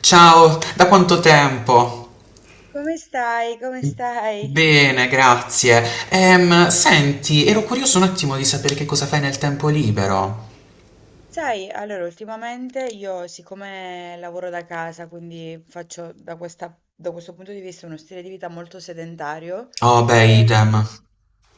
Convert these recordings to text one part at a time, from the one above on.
Ciao, da quanto tempo? Come stai? Come stai? Bene, grazie. Senti, ero curioso un attimo di sapere che cosa fai nel tempo libero. Sai, allora, ultimamente io, siccome lavoro da casa, quindi faccio da da questo punto di vista uno stile di vita molto sedentario, Oh, beh, e idem. nel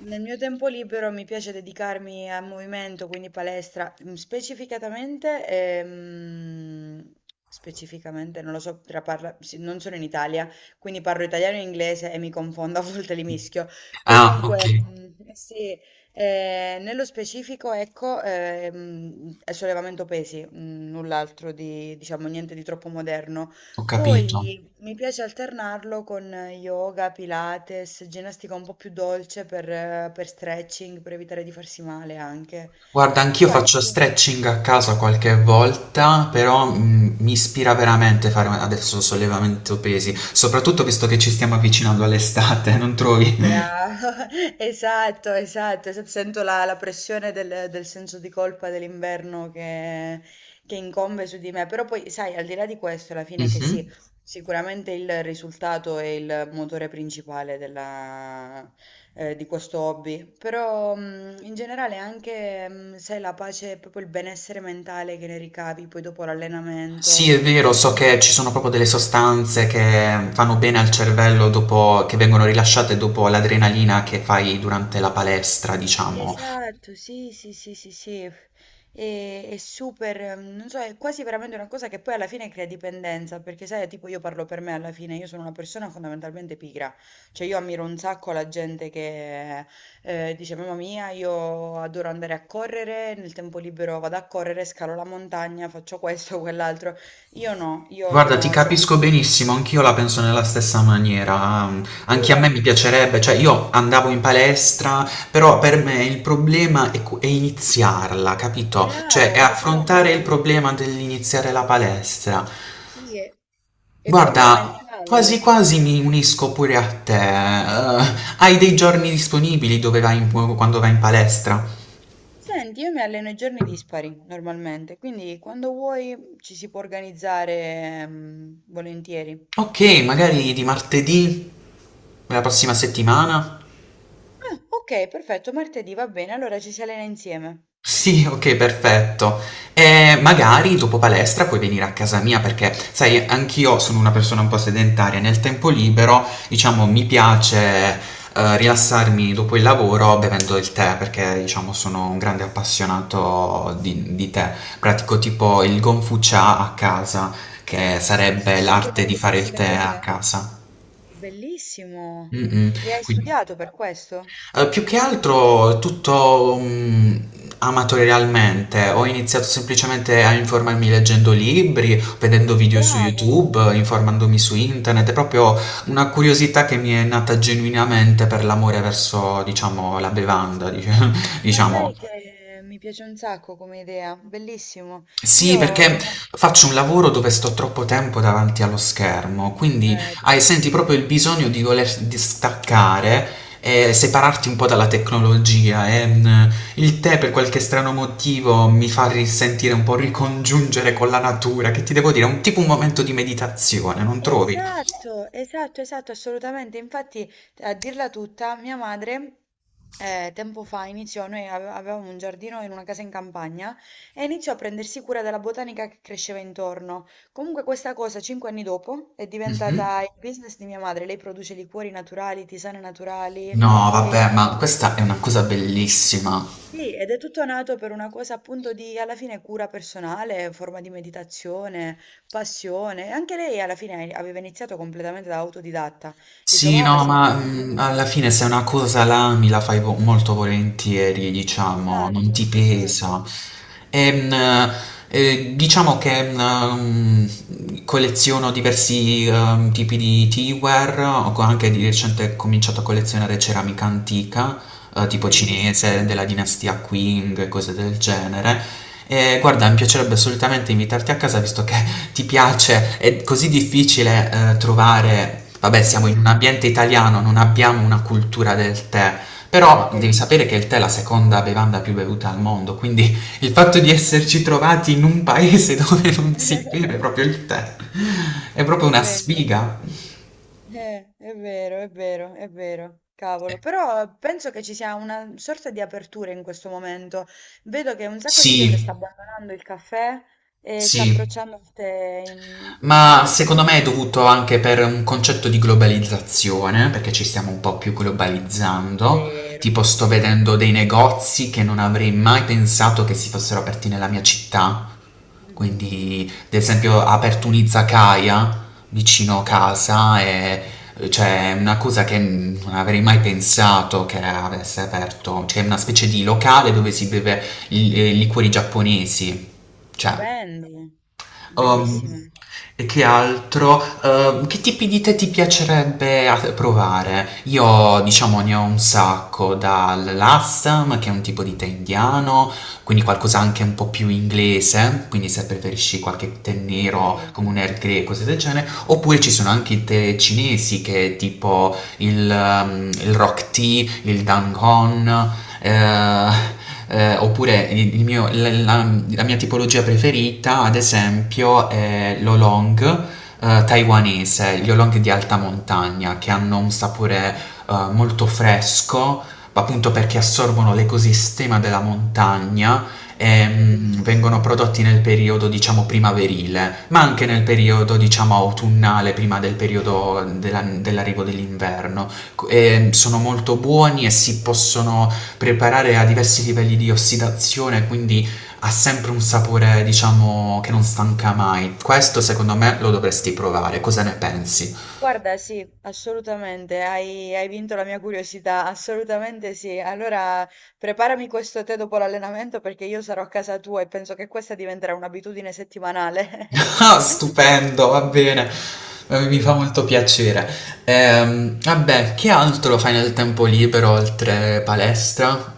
nel mio tempo libero mi piace dedicarmi al movimento, quindi palestra, specificatamente, specificamente, non lo so, sì, non sono in Italia, quindi parlo italiano e inglese e mi confondo, a volte li mischio. Ah, ok, Comunque, sì, nello specifico, ecco, è sollevamento pesi, null'altro di, diciamo, niente di troppo moderno. ho capito. Poi mi piace alternarlo con yoga, pilates, ginnastica un po' più dolce per stretching, per evitare di farsi male anche. Guarda, anch'io faccio Questo. stretching a casa qualche volta, però mi ispira veramente fare adesso sollevamento pesi, soprattutto visto che ci stiamo avvicinando all'estate, non trovi? Brava, esatto, esatto, esatto. Sento la pressione del senso di colpa dell'inverno che incombe su di me, però poi sai, al di là di questo, alla fine che sì, Mhm. sicuramente il risultato è il motore principale della, di questo hobby, però in generale anche, sai, la pace, proprio il benessere mentale che ne ricavi poi dopo l'allenamento. Sì, è vero, so quindi- che ci sono proprio delle sostanze che fanno bene al cervello dopo che vengono rilasciate dopo l'adrenalina che fai durante la palestra, diciamo. Esatto, sì, sì, sì, sì, sì, è, super, non so, è quasi veramente una cosa che poi alla fine crea dipendenza, perché sai, tipo io parlo per me alla fine, io sono una persona fondamentalmente pigra, cioè io ammiro un sacco la gente che dice, mamma mia, io adoro andare a correre, nel tempo libero vado a correre, scalo la montagna, faccio questo, quell'altro, io no, io Guarda, ti sono, cioè, capisco benissimo, anch'io la penso nella stessa maniera. Ti Anche a giuro, me mi piacerebbe, cioè io andavo in palestra, però per me il problema è, è iniziarla, capito? Cioè è bravo, affrontare il esatto, problema dell'iniziare la palestra. sì, è proprio Guarda, quasi mentale. quasi mi unisco pure a te. Hai dei giorni disponibili dove quando vai in palestra? Senti, io mi alleno i giorni dispari normalmente, quindi quando vuoi ci si può organizzare, volentieri. Ok, magari di martedì, la prossima settimana. Ah, ok, perfetto, martedì va bene, allora ci si allena insieme. Sì, okay, perfetto. Magari dopo palestra puoi venire a casa mia perché, sai, anch'io sono una persona un po' sedentaria. Nel tempo libero, diciamo, mi piace, rilassarmi dopo il lavoro bevendo il tè perché, diciamo, sono un grande appassionato di tè. Pratico tipo il Gongfu Cha a casa, che sarebbe Super l'arte di fare il interessante, tè a cos'è? casa. Bellissimo! Mh-mh, E hai quindi studiato per questo? Più che altro tutto amatorialmente, ho iniziato semplicemente a informarmi leggendo libri, vedendo video su Bravo. YouTube, informandomi su internet, è proprio una curiosità che mi è nata genuinamente per l'amore verso, diciamo, la bevanda, Ma diciamo. sai che mi piace un sacco come idea, bellissimo. Sì, Io, perché mia faccio un lavoro dove sto troppo tempo davanti allo schermo, quindi ti hai, senti capisco. proprio il bisogno di voler distaccare e separarti un po' dalla tecnologia. E, il tè, per qualche strano motivo, mi fa risentire un po' ricongiungere con la natura, che ti devo dire, è un tipo un momento di meditazione, non trovi? Esatto, esatto, esatto, assolutamente. Infatti, a dirla tutta, mia madre tempo fa iniziò, noi avevamo un giardino in una casa in campagna e iniziò a prendersi cura della botanica che cresceva intorno. Comunque questa cosa, 5 anni dopo, è Mhm. diventata il business di mia madre. Lei produce liquori naturali, tisane naturali No, e... vabbè, ma questa è una cosa bellissima. Sì, ed è tutto nato per una cosa appunto di alla fine cura personale, forma di meditazione, passione. Anche lei alla fine aveva iniziato completamente da autodidatta, li Sì, trovava, no, si ma informava. Alla fine se è una cosa l'ami, la fai molto volentieri, diciamo, non ti Esatto, esatto. pesa. E, diciamo che mm, colleziono diversi tipi di teaware, anche di recente cominciato a collezionare ceramica antica tipo cinese, Bellissimo. della dinastia Qing, cose del genere. E guarda, mi piacerebbe assolutamente invitarti a casa visto che ti piace, è così difficile, trovare vabbè siamo in un Sì, ambiente italiano, non abbiamo una cultura del tè, però che devi dire. sapere che il tè è la seconda bevanda più bevuta al mondo, quindi il fatto di esserci trovati in un paese dove non si beve proprio il tè è proprio È una vero. sfiga. È vero, è vero, è vero. Cavolo, Eh, però penso che ci sia una sorta di apertura in questo momento. Vedo che un sacco di gente sta sì, abbandonando il caffè e sta sì. approcciando il tè. Ma Sta, secondo me è dovuto anche per un concetto di globalizzazione, perché ci stiamo un po' più globalizzando. vero, Tipo, sto vero. vedendo dei negozi che non avrei mai pensato che si fossero aperti nella mia città. Mhm. Quindi, ad esempio, Ci ha aperto credo. un'izakaya vicino casa e cioè, è una cosa che non avrei mai pensato che avesse aperto. Cioè, è una specie di locale dove si beve i liquori giapponesi. Cioè, Stupendo, Ehm, bellissimo. e che altro? Che tipi di tè ti piacerebbe provare? Io, diciamo, ne ho un sacco, dall'Assam, che è un tipo di tè indiano, quindi qualcosa anche un po' più inglese, quindi se preferisci qualche tè nero Eh, come un Earl Grey, cose del genere, oppure ci sono anche i tè cinesi che è tipo il rock tea, il dangon, eh, oppure il mio- la, la- la mia tipologia preferita, ad esempio, è l'olong taiwanese, gli oolong di alta montagna, che hanno un sapore molto fresco, appunto perché assorbono l'ecosistema della montagna e bellissimo. vengono prodotti nel periodo, diciamo, primaverile, ma anche nel periodo, diciamo, autunnale, prima del dell'arrivo dell'inverno. Sono molto buoni e si possono preparare a diversi livelli di ossidazione, quindi ha sempre un sapore, diciamo, che non stanca mai. Questo secondo me lo dovresti provare. Cosa ne pensi? Guarda, sì, assolutamente, hai, hai vinto la mia curiosità, assolutamente sì. Allora, preparami questo tè dopo l'allenamento perché io sarò a casa tua e penso che questa diventerà un'abitudine settimanale. Ah, stupendo, va bene. Mi fa Sì. molto piacere. Vabbè, che altro fai nel tempo libero oltre palestra?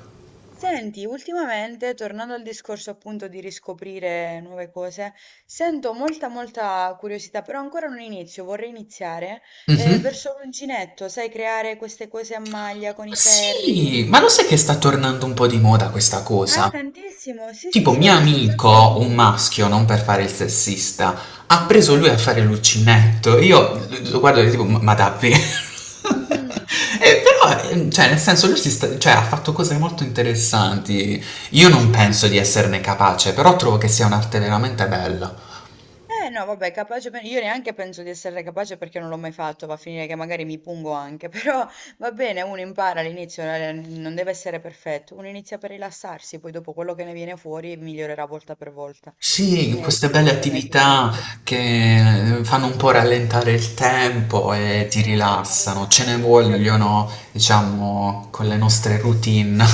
Senti, ultimamente, tornando al discorso appunto di riscoprire nuove cose, sento molta, molta curiosità, però ancora non inizio, vorrei iniziare Mhm. Verso l'uncinetto, sai, creare queste cose a maglia con i ferri. Sì, ma lo sai che sta tornando un po' di moda questa Ah, cosa? tantissimo! Sì, sì, Tipo sì, ho mio visto un sacco di amico, un video. maschio, non per fare il sessista, ha No, preso lui a certo. fare l'uncinetto. Io lo guardo e tipo, ma davvero? Mhm. E però, cioè, nel senso, cioè, ha fatto cose molto interessanti. Io non Sì, sì, penso di sì. esserne capace, però trovo che sia un'arte veramente bella. Eh no, vabbè, io neanche penso di essere capace perché non l'ho mai fatto, va a finire che magari mi pungo anche, però va bene, uno impara all'inizio, non deve essere perfetto, uno inizia per rilassarsi, poi dopo quello che ne viene fuori migliorerà volta per volta. Sì, Eh, queste belle come tutto. attività che fanno un po' rallentare il tempo e ti Esatto, rilassano. Ce ne esatto, pure per vogliono, diciamo, con le nostre routine.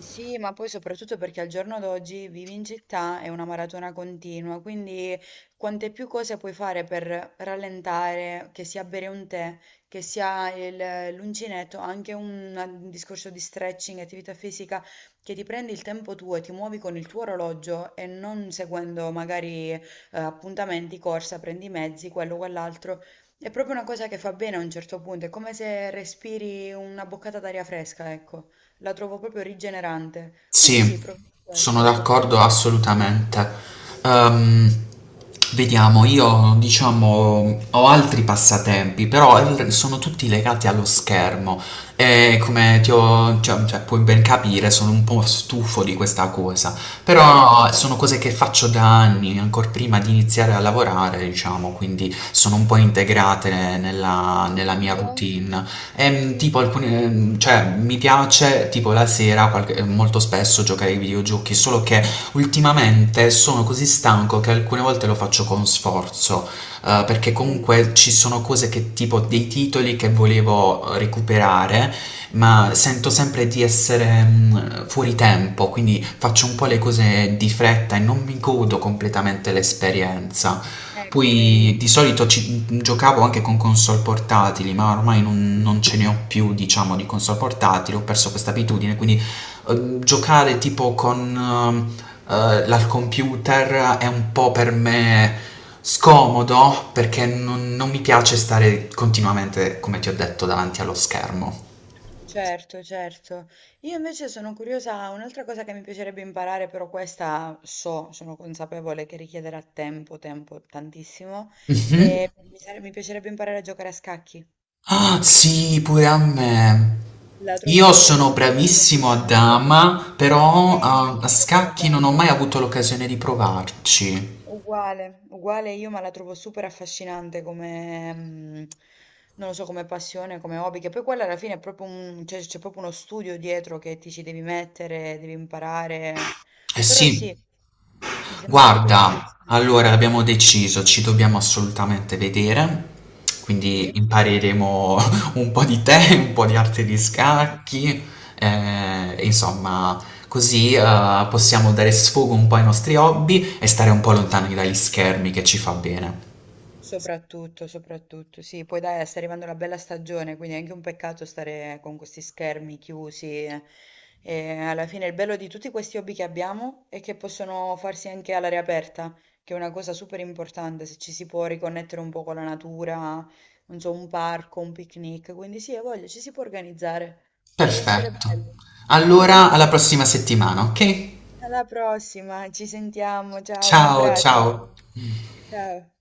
sì, ma poi soprattutto perché al giorno d'oggi vivi in città è una maratona continua, quindi quante più cose puoi fare per rallentare, che sia bere un tè, che sia l'uncinetto, anche un discorso di stretching, attività fisica, che ti prendi il tempo tuo e ti muovi con il tuo orologio e non seguendo magari appuntamenti, corsa, prendi i mezzi, quello, quell'altro. È proprio una cosa che fa bene a un certo punto, è come se respiri una boccata d'aria fresca, ecco. La trovo proprio rigenerante. Quindi sì, Sì, proviamo sono questo. E d'accordo assolutamente. Ehm, vediamo, io diciamo ho altri passatempi, sono tutti legati allo schermo e come ti ho, cioè, puoi ben capire, sono un po' stufo di questa cosa, terzo, però sono cose che faccio da anni, ancora prima di iniziare a lavorare, diciamo, quindi sono un po' integrate nella mia tipo, routine. Tipo tipo. alcuni, cioè mi piace tipo la sera molto spesso giocare ai videogiochi, solo che ultimamente sono così stanco che alcune volte lo faccio con sforzo, perché Mm, comunque ci sono cose che tipo dei titoli che volevo recuperare, ma sento sempre di essere fuori tempo, quindi faccio un po' le mm. cose di fretta e non mi godo completamente l'esperienza. Ecco, Poi vedi. di solito giocavo anche con console portatili, ma ormai non ce ne ho più, diciamo, di console portatili, ho perso questa abitudine, quindi giocare tipo con l'al computer è un po' per me scomodo perché non mi piace stare continuamente, come ti ho detto, davanti allo schermo. Certo, certo. Io invece sono curiosa, un'altra cosa che mi piacerebbe imparare, però questa so, sono consapevole che richiederà tempo, tempo tantissimo, Mhm. e mi piacerebbe imparare a giocare a scacchi. Ah, sì, pure a me. La trovo Io una cosa sono super bravissimo a affascinante. dama, però E io ah, a anche giocavo a scacchi non ho dama. mai avuto l'occasione di provarci. Uguale, uguale io, ma la trovo super affascinante come, non lo so, come passione, come hobby, che poi quella alla fine è proprio un, cioè, c'è proprio uno studio dietro che ti ci devi mettere, devi imparare, Eh però sì. sì, mi sembra super Guarda, interessante. allora abbiamo deciso, ci dobbiamo assolutamente vedere, quindi Sì. impareremo un po' di te, un po' di arte di scacchi, insomma, così possiamo dare sfogo un po' ai nostri hobby e stare un po' lontani dagli schermi che ci fa bene. Soprattutto, soprattutto, sì, poi dai, sta arrivando la bella stagione, quindi è anche un peccato stare con questi schermi chiusi. E alla fine il bello di tutti questi hobby che abbiamo è che possono farsi anche all'aria aperta, che è una cosa super importante, se ci si può riconnettere un po' con la natura, non so, un parco, un picnic, quindi sì, ho voglia, ci si può organizzare, deve essere Perfetto. bello. Mm, mm. Allora, alla prossima settimana, ok? Alla prossima, ci sentiamo, ciao, un Ciao, abbraccio, ciao. ciao.